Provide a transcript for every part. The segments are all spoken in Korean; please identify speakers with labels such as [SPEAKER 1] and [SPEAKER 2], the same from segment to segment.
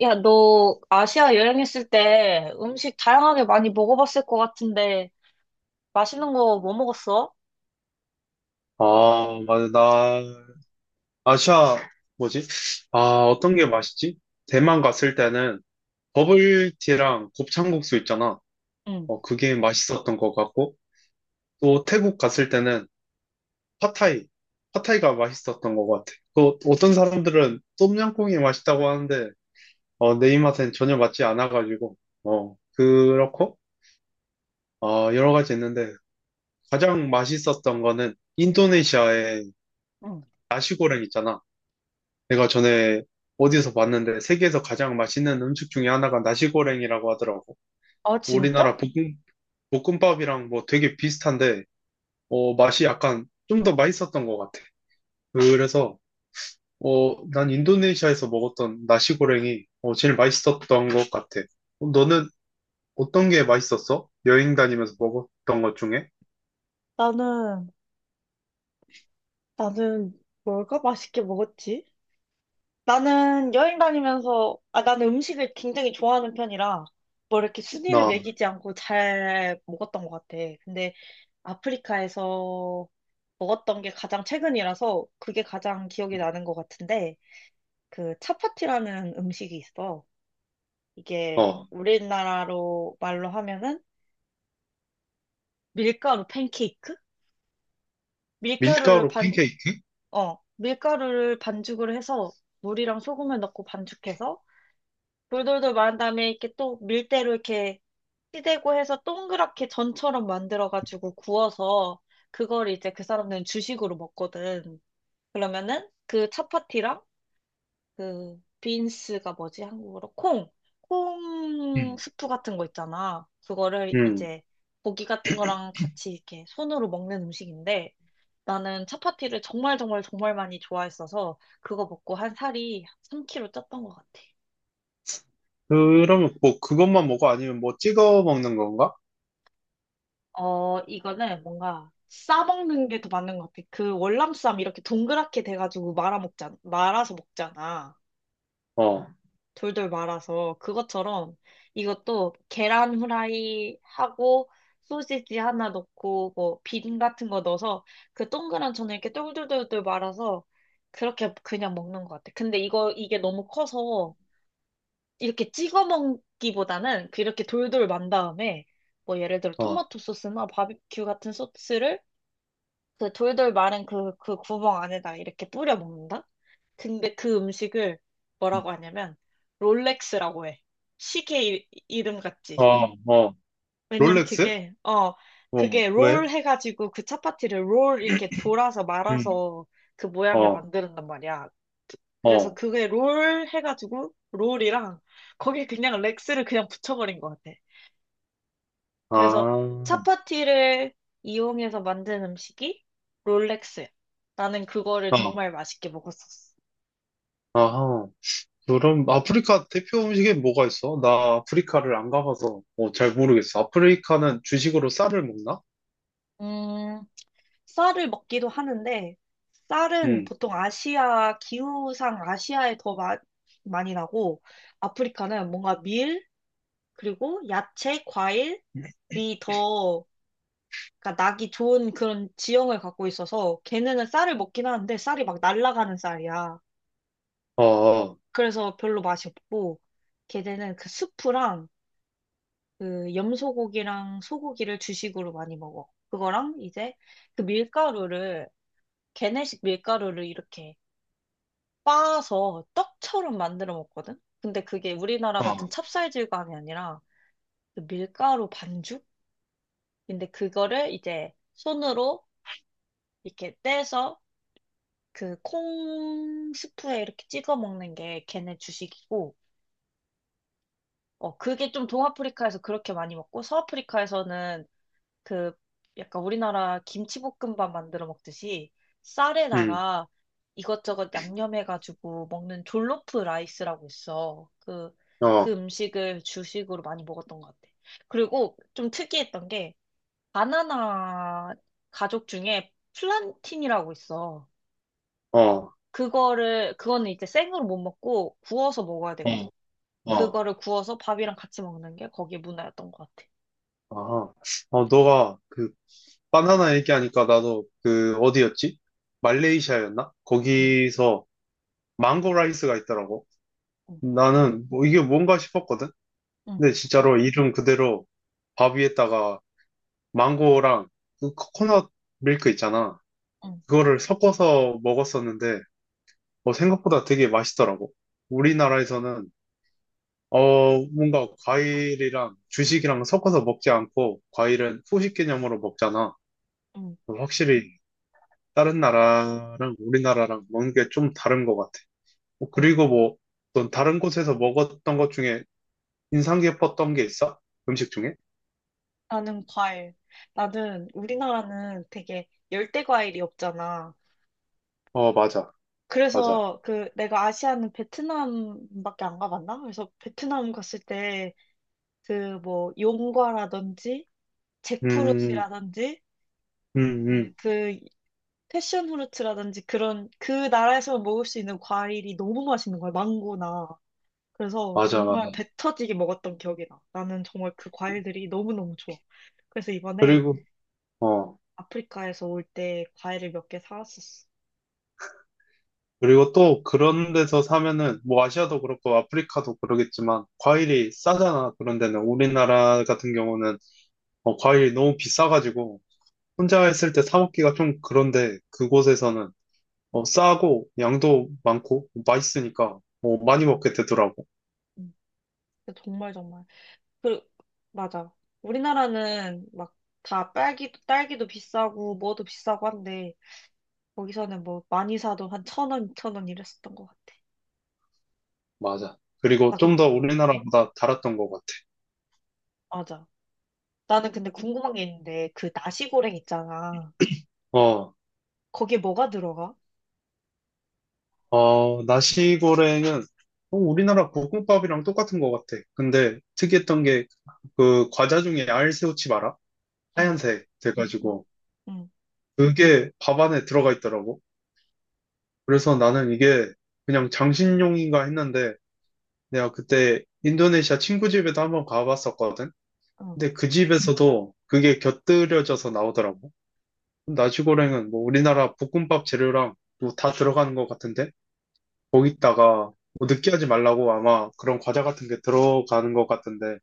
[SPEAKER 1] 야, 너 아시아 여행했을 때 음식 다양하게 많이 먹어봤을 것 같은데 맛있는 거 뭐 먹었어?
[SPEAKER 2] 아, 맞아. 아시아, 뭐지? 아, 어떤 게 맛있지? 대만 갔을 때는 버블티랑 곱창국수 있잖아.
[SPEAKER 1] 응,
[SPEAKER 2] 그게 맛있었던 것 같고, 또 태국 갔을 때는 팟타이. 팟타이가 맛있었던 것 같아. 또 어떤 사람들은 똠양꿍이 맛있다고 하는데, 내 입맛엔 전혀 맞지 않아가지고, 그렇고, 여러 가지 있는데, 가장 맛있었던 거는 인도네시아의
[SPEAKER 1] 응.
[SPEAKER 2] 나시고랭 있잖아. 내가 전에 어디서 봤는데 세계에서 가장 맛있는 음식 중에 하나가 나시고랭이라고 하더라고.
[SPEAKER 1] 아, 진짜?
[SPEAKER 2] 우리나라 볶음, 볶음밥이랑 뭐 되게 비슷한데, 맛이 약간 좀 더 맛있었던 것 같아. 그래서, 난 인도네시아에서 먹었던 나시고랭이 제일 맛있었던 것 같아. 너는 어떤 게 맛있었어? 여행 다니면서 먹었던 것 중에?
[SPEAKER 1] 나는, 나는 뭘까 맛있게 먹었지? 나는 여행 다니면서, 아, 나는 음식을 굉장히 좋아하는 편이라, 뭐 이렇게 순위를
[SPEAKER 2] 나,
[SPEAKER 1] 매기지 않고 잘 먹었던 것 같아. 근데 아프리카에서 먹었던 게 가장 최근이라서 그게 가장 기억이 나는 것 같은데, 그 차파티라는 음식이 있어. 이게
[SPEAKER 2] 어,
[SPEAKER 1] 우리나라로 말로 하면은 밀가루 팬케이크? 밀가루를
[SPEAKER 2] 밀가루
[SPEAKER 1] 반,
[SPEAKER 2] 팬케이크.
[SPEAKER 1] 밀가루를 반죽을 해서 물이랑 소금을 넣고 반죽해서 돌돌돌 말은 다음에 이렇게 또 밀대로 이렇게 시대고 해서 동그랗게 전처럼 만들어가지고 구워서 그걸 이제 그 사람들은 주식으로 먹거든. 그러면은 그 차파티랑 그 빈스가 뭐지? 한국어로 콩, 콩
[SPEAKER 2] 음.
[SPEAKER 1] 스프 같은 거 있잖아. 그거를
[SPEAKER 2] 음.
[SPEAKER 1] 이제 고기 같은 거랑 같이 이렇게 손으로 먹는 음식인데 나는 차파티를 정말 정말 정말 많이 좋아했어서 그거 먹고 한 살이 3kg 쪘던 것 같아.
[SPEAKER 2] 그러면 뭐 그것만 먹어? 아니면 뭐 찍어 먹는 건가?
[SPEAKER 1] 어, 이거는 뭔가 싸먹는 게 더 맞는 것 같아. 그 월남쌈 이렇게 동그랗게 돼가지고 말아 먹잖아, 말아서 먹잖아.
[SPEAKER 2] 어,
[SPEAKER 1] 돌돌 말아서 그것처럼 이것도 계란 후라이 하고 소시지 하나 넣고 뭐 비빔 같은 거 넣어서 그 동그란 전에 이렇게 똘똘똘똘 말아서 그렇게 그냥 먹는 것 같아. 근데 이거 이게 너무 커서 이렇게 찍어 먹기보다는 그 이렇게 돌돌 만 다음에 뭐 예를 들어
[SPEAKER 2] 어.
[SPEAKER 1] 토마토 소스나 바비큐 같은 소스를 그 돌돌 말은 그 구멍 안에다 이렇게 뿌려 먹는다. 근데 그 음식을 뭐라고 하냐면 롤렉스라고 해. 시계 이름 같지.
[SPEAKER 2] 어, 어,
[SPEAKER 1] 왜냐면
[SPEAKER 2] 롤렉스?
[SPEAKER 1] 그게 어
[SPEAKER 2] 어,
[SPEAKER 1] 그게
[SPEAKER 2] 왜?
[SPEAKER 1] 롤 해가지고 그 차파티를 롤 이렇게 돌아서
[SPEAKER 2] 음,
[SPEAKER 1] 말아서 그 모양을
[SPEAKER 2] 어,
[SPEAKER 1] 만드는단 말이야. 그래서
[SPEAKER 2] 어,
[SPEAKER 1] 그게 롤 해가지고 롤이랑 거기에 그냥 렉스를 그냥 붙여버린 것 같아. 그래서
[SPEAKER 2] 아,
[SPEAKER 1] 차파티를 이용해서 만든 음식이 롤렉스야. 나는 그거를
[SPEAKER 2] 아
[SPEAKER 1] 정말 맛있게 먹었었어.
[SPEAKER 2] 아하. 그럼 아프리카 대표 음식에 뭐가 있어? 나 아프리카를 안 가봐서 잘 모르겠어. 아프리카는 주식으로 쌀을 먹나?
[SPEAKER 1] 음. 쌀을 먹기도 하는데, 쌀은
[SPEAKER 2] 응
[SPEAKER 1] 보통 아시아, 기후상 아시아에 더 많이 나고, 아프리카는 뭔가 밀, 그리고 야채, 과일이 더, 그러니까 나기 좋은 그런 지형을 갖고 있어서, 걔네는 쌀을 먹긴 하는데, 쌀이 막 날아가는 쌀이야.
[SPEAKER 2] 어, 어,
[SPEAKER 1] 그래서 별로 맛이 없고, 걔네는 그 수프랑, 그 염소고기랑 소고기를 주식으로 많이 먹어. 그거랑 이제 그 밀가루를, 걔네식 밀가루를 이렇게 빻아서 떡처럼 만들어 먹거든? 근데 그게 우리나라 같은
[SPEAKER 2] 어,
[SPEAKER 1] 찹쌀질감이 아니라 그 밀가루 반죽인데 그거를 이제 손으로 이렇게 떼서 그 콩 스프에 이렇게 찍어 먹는 게 걔네 주식이고, 어, 그게 좀 동아프리카에서 그렇게 많이 먹고, 서아프리카에서는 그 약간 우리나라 김치볶음밥 만들어 먹듯이 쌀에다가 이것저것 양념해가지고 먹는 졸로프 라이스라고 있어. 그,
[SPEAKER 2] 응, 어,
[SPEAKER 1] 그 음식을 주식으로 많이 먹었던 것 같아. 그리고 좀 특이했던 게 바나나 가족 중에 플란틴이라고 있어.
[SPEAKER 2] 어,
[SPEAKER 1] 그거는 이제 생으로 못 먹고 구워서 먹어야 되거든.
[SPEAKER 2] 어, 어,
[SPEAKER 1] 그거를 구워서 밥이랑 같이 먹는 게 거기에 문화였던 것 같아.
[SPEAKER 2] 아, 어, 너가 바나나 얘기하니까 나도 그 어디였지? 말레이시아였나?
[SPEAKER 1] 응,
[SPEAKER 2] 거기서 망고 라이스가 있더라고.
[SPEAKER 1] 응,
[SPEAKER 2] 나는 뭐 이게 뭔가 싶었거든.
[SPEAKER 1] 응,
[SPEAKER 2] 근데 진짜로 이름 그대로 밥 위에다가 망고랑 그 코코넛 밀크 있잖아.
[SPEAKER 1] 응,
[SPEAKER 2] 그거를 섞어서 먹었었는데, 생각보다 되게 맛있더라고. 우리나라에서는, 뭔가 과일이랑 주식이랑 섞어서 먹지 않고, 과일은 후식 개념으로 먹잖아.
[SPEAKER 1] 응,
[SPEAKER 2] 확실히 다른 나라랑 우리나라랑 먹는 게 좀 다른 것 같아.
[SPEAKER 1] 응.
[SPEAKER 2] 그리고 뭐, 넌 다른 곳에서 먹었던 것 중에 인상 깊었던 게 있어? 음식 중에?
[SPEAKER 1] 나는 과일. 나는 우리나라는 되게 열대 과일이 없잖아.
[SPEAKER 2] 어, 맞아, 맞아.
[SPEAKER 1] 그래서 그 내가 아시아는 베트남밖에 안 가봤나? 그래서 베트남 갔을 때 그 뭐 용과라든지
[SPEAKER 2] 음,
[SPEAKER 1] 잭프루트라든지
[SPEAKER 2] 음, 음.
[SPEAKER 1] 그 패션 후르츠라든지 그런 그 나라에서 먹을 수 있는 과일이 너무 맛있는 거야. 망고나. 그래서
[SPEAKER 2] 맞아, 맞아.
[SPEAKER 1] 정말 배 터지게 먹었던 기억이 나. 나는 정말 그 과일들이 너무너무 좋아. 그래서 이번에
[SPEAKER 2] 그리고, 어,
[SPEAKER 1] 아프리카에서 올 때 과일을 몇 개 사왔었어.
[SPEAKER 2] 그리고 또 그런 데서 사면은, 뭐 아시아도 그렇고 아프리카도 그러겠지만, 과일이 싸잖아. 그런 데는. 우리나라 같은 경우는, 과일이 너무 비싸가지고, 혼자 했을 때 사 먹기가 좀 그런데, 그곳에서는, 싸고, 양도 많고, 맛있으니까, 많이 먹게 되더라고.
[SPEAKER 1] 음. 근데 정말 정말. 그 맞아. 우리나라는 막 다 딸기도 비싸고 뭐도 비싸고 한데 거기서는 뭐 많이 사도 한 1,000원, 2,000원 이랬었던 것 같아.
[SPEAKER 2] 맞아. 그리고
[SPEAKER 1] 나 그,
[SPEAKER 2] 좀 더 우리나라보다 달았던 것 같아.
[SPEAKER 1] 맞아. 나는 근데 궁금한 게 있는데 그 나시고랭 있잖아.
[SPEAKER 2] 어.
[SPEAKER 1] 거기에 뭐가 들어가?
[SPEAKER 2] 나시고랭은 우리나라 볶음밥이랑 똑같은 것 같아. 근데 특이했던 게 그 과자 중에 알새우칩 알아?
[SPEAKER 1] 응,
[SPEAKER 2] 하얀색
[SPEAKER 1] 응,
[SPEAKER 2] 돼가지고
[SPEAKER 1] 응,
[SPEAKER 2] 그게 밥 안에 들어가 있더라고. 그래서 나는 이게 그냥 장식용인가 했는데 내가 그때 인도네시아 친구 집에도 한번 가봤었거든.
[SPEAKER 1] 응.
[SPEAKER 2] 근데 그 집에서도 그게 곁들여져서 나오더라고. 나시고랭은 뭐 우리나라 볶음밥 재료랑 뭐 다 들어가는 것 같은데? 거기다가 뭐 느끼하지 말라고 아마 그런 과자 같은 게 들어가는 것 같은데,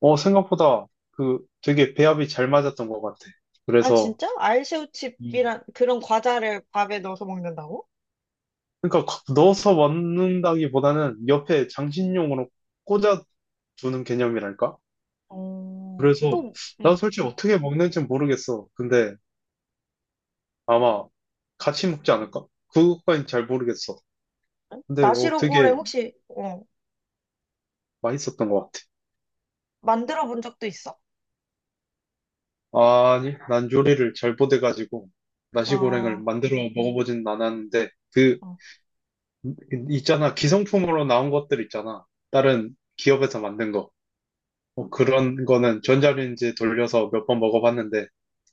[SPEAKER 2] 생각보다 그 되게 배합이 잘 맞았던 것 같아.
[SPEAKER 1] 아
[SPEAKER 2] 그래서,
[SPEAKER 1] 진짜?
[SPEAKER 2] 음.
[SPEAKER 1] 알새우칩이란 그런 과자를 밥에 넣어서 먹는다고?
[SPEAKER 2] 그러니까 넣어서 먹는다기보다는 옆에 장식용으로 꽂아두는 개념이랄까?
[SPEAKER 1] 어.
[SPEAKER 2] 그래서
[SPEAKER 1] 또,
[SPEAKER 2] 나도
[SPEAKER 1] 응.
[SPEAKER 2] 솔직히 어떻게 먹는지 모르겠어. 근데 아마 같이 먹지 않을까? 그것까진 잘 모르겠어. 근데 어,
[SPEAKER 1] 나시고랭
[SPEAKER 2] 되게
[SPEAKER 1] 혹시 어
[SPEAKER 2] 맛있었던 것 같아.
[SPEAKER 1] 만들어 본 적도 있어.
[SPEAKER 2] 아니, 난 요리를 잘 못해가지고 나시고랭을
[SPEAKER 1] 어,
[SPEAKER 2] 만들어 먹어보진 않았는데 그
[SPEAKER 1] 어.
[SPEAKER 2] 있잖아 기성품으로 나온 것들 있잖아 다른 기업에서 만든 거 그런 거는 전자레인지에 돌려서 몇 번 먹어봤는데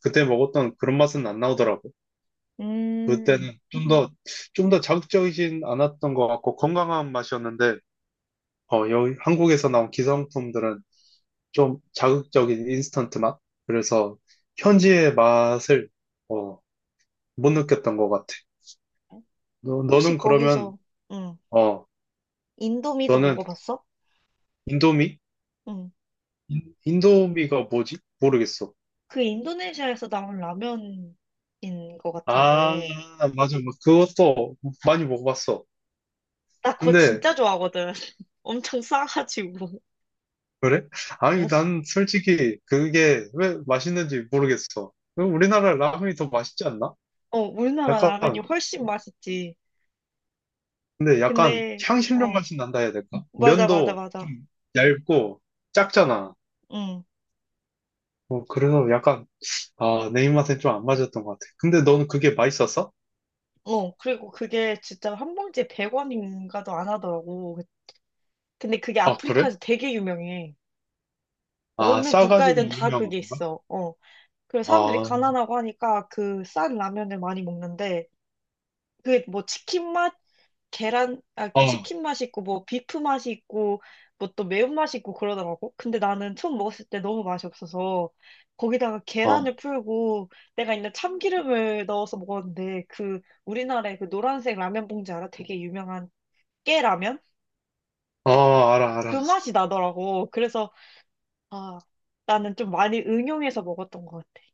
[SPEAKER 2] 그때 먹었던 그런 맛은 안 나오더라고
[SPEAKER 1] 음,
[SPEAKER 2] 그때는 좀 더 자극적이진 않았던 것 같고 건강한 맛이었는데 여기 한국에서 나온 기성품들은 좀 자극적인 인스턴트 맛 그래서 현지의 맛을 어, 못 느꼈던 것 같아.
[SPEAKER 1] 혹시
[SPEAKER 2] 너는 그러면,
[SPEAKER 1] 거기서, 응,
[SPEAKER 2] 어,
[SPEAKER 1] 인도미도
[SPEAKER 2] 너는
[SPEAKER 1] 먹어봤어?
[SPEAKER 2] 인도미?
[SPEAKER 1] 응,
[SPEAKER 2] 인도미가 뭐지? 모르겠어.
[SPEAKER 1] 그 인도네시아에서 나온 라면인 것
[SPEAKER 2] 아,
[SPEAKER 1] 같은데.
[SPEAKER 2] 맞아. 뭐 그것도 많이 먹어봤어.
[SPEAKER 1] 나 그거
[SPEAKER 2] 근데,
[SPEAKER 1] 진짜 좋아하거든. 엄청 싸가지고.
[SPEAKER 2] 그래?
[SPEAKER 1] 어,
[SPEAKER 2] 아니, 난 솔직히 그게 왜 맛있는지 모르겠어. 그럼 우리나라 라면이 더 맛있지 않나?
[SPEAKER 1] 어, 우리나라
[SPEAKER 2] 약간,
[SPEAKER 1] 라면이 훨씬 맛있지.
[SPEAKER 2] 근데 약간
[SPEAKER 1] 근데,
[SPEAKER 2] 향신료
[SPEAKER 1] 어,
[SPEAKER 2] 맛이 난다 해야 될까?
[SPEAKER 1] 맞아, 맞아,
[SPEAKER 2] 면도 좀
[SPEAKER 1] 맞아.
[SPEAKER 2] 얇고 작잖아.
[SPEAKER 1] 응.
[SPEAKER 2] 그래서 약간, 아, 내 입맛엔 좀 안 맞았던 것 같아. 근데 너는 그게 맛있었어?
[SPEAKER 1] 어, 그리고 그게 진짜 한 봉지에 100원인가도 안 하더라고. 근데 그게
[SPEAKER 2] 아, 그래?
[SPEAKER 1] 아프리카에서 되게 유명해.
[SPEAKER 2] 아,
[SPEAKER 1] 어느
[SPEAKER 2] 싸가지고
[SPEAKER 1] 국가에든 다
[SPEAKER 2] 유명한
[SPEAKER 1] 그게
[SPEAKER 2] 건가?
[SPEAKER 1] 있어. 어. 그래서 사람들이
[SPEAKER 2] 아,
[SPEAKER 1] 가난하고 하니까 그 싼 라면을 많이 먹는데 그게 뭐 치킨 맛, 계란, 아,
[SPEAKER 2] 어,
[SPEAKER 1] 치킨 맛이 있고 뭐 비프 맛이 있고 뭐 또 매운맛이 있고 그러더라고. 근데 나는 처음 먹었을 때 너무 맛이 없어서 거기다가
[SPEAKER 2] 어,
[SPEAKER 1] 계란을 풀고 내가 있는 참기름을 넣어서 먹었는데 그 우리나라의 그 노란색 라면 봉지 알아? 되게 유명한 깨라면?
[SPEAKER 2] 어, 알아,
[SPEAKER 1] 그
[SPEAKER 2] 알아.
[SPEAKER 1] 맛이 나더라고. 그래서 아, 나는 좀 많이 응용해서 먹었던 것 같아.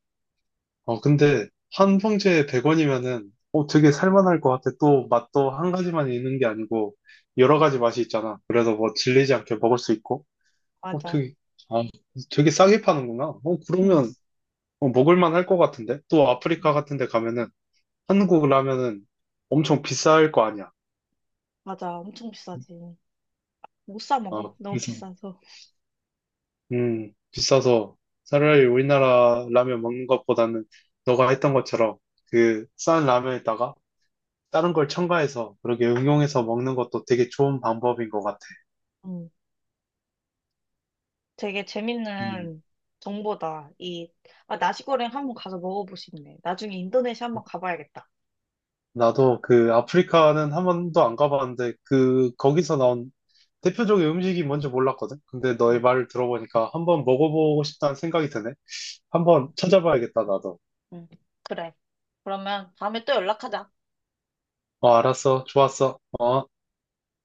[SPEAKER 2] 어, 근데 한 봉지에 100원이면은, 되게 살만할 것 같아. 또 맛도 한 가지만 있는 게 아니고, 여러
[SPEAKER 1] 응.
[SPEAKER 2] 가지 맛이 있잖아. 그래서 뭐 질리지 않게 먹을 수 있고, 어,
[SPEAKER 1] 맞아.
[SPEAKER 2] 되게, 아, 되게 싸게 파는구나.
[SPEAKER 1] 응.
[SPEAKER 2] 그러면, 먹을만 할 것 같은데? 또 아프리카
[SPEAKER 1] 응.
[SPEAKER 2] 같은 데 가면은, 한국 라면은 엄청 비쌀 거 아니야.
[SPEAKER 1] 맞아. 엄청 비싸지. 못 사 먹어.
[SPEAKER 2] 아,
[SPEAKER 1] 너무
[SPEAKER 2] 그래서
[SPEAKER 1] 비싸서.
[SPEAKER 2] 비싸서 차라리 우리나라 라면 먹는 것보다는 너가 했던 것처럼 그 싼 라면에다가 다른 걸 첨가해서 그렇게 응용해서 먹는 것도 되게 좋은 방법인 것 같아.
[SPEAKER 1] 응. 되게
[SPEAKER 2] 음,
[SPEAKER 1] 재밌는 정보다. 이, 아, 나시고랭 한번 가서 먹어보고 싶네. 나중에 인도네시아 한번 가봐야겠다.
[SPEAKER 2] 나도 그 아프리카는 한 번도 안 가봤는데 그 거기서 나온 대표적인 음식이 뭔지 몰랐거든. 근데
[SPEAKER 1] 응.
[SPEAKER 2] 너의 말을 들어보니까 한번 먹어보고 싶다는 생각이 드네. 한번 찾아봐야겠다, 나도.
[SPEAKER 1] 응. 그래. 그러면 다음에 또 연락하자.
[SPEAKER 2] 어, 알았어. 좋았어. 어.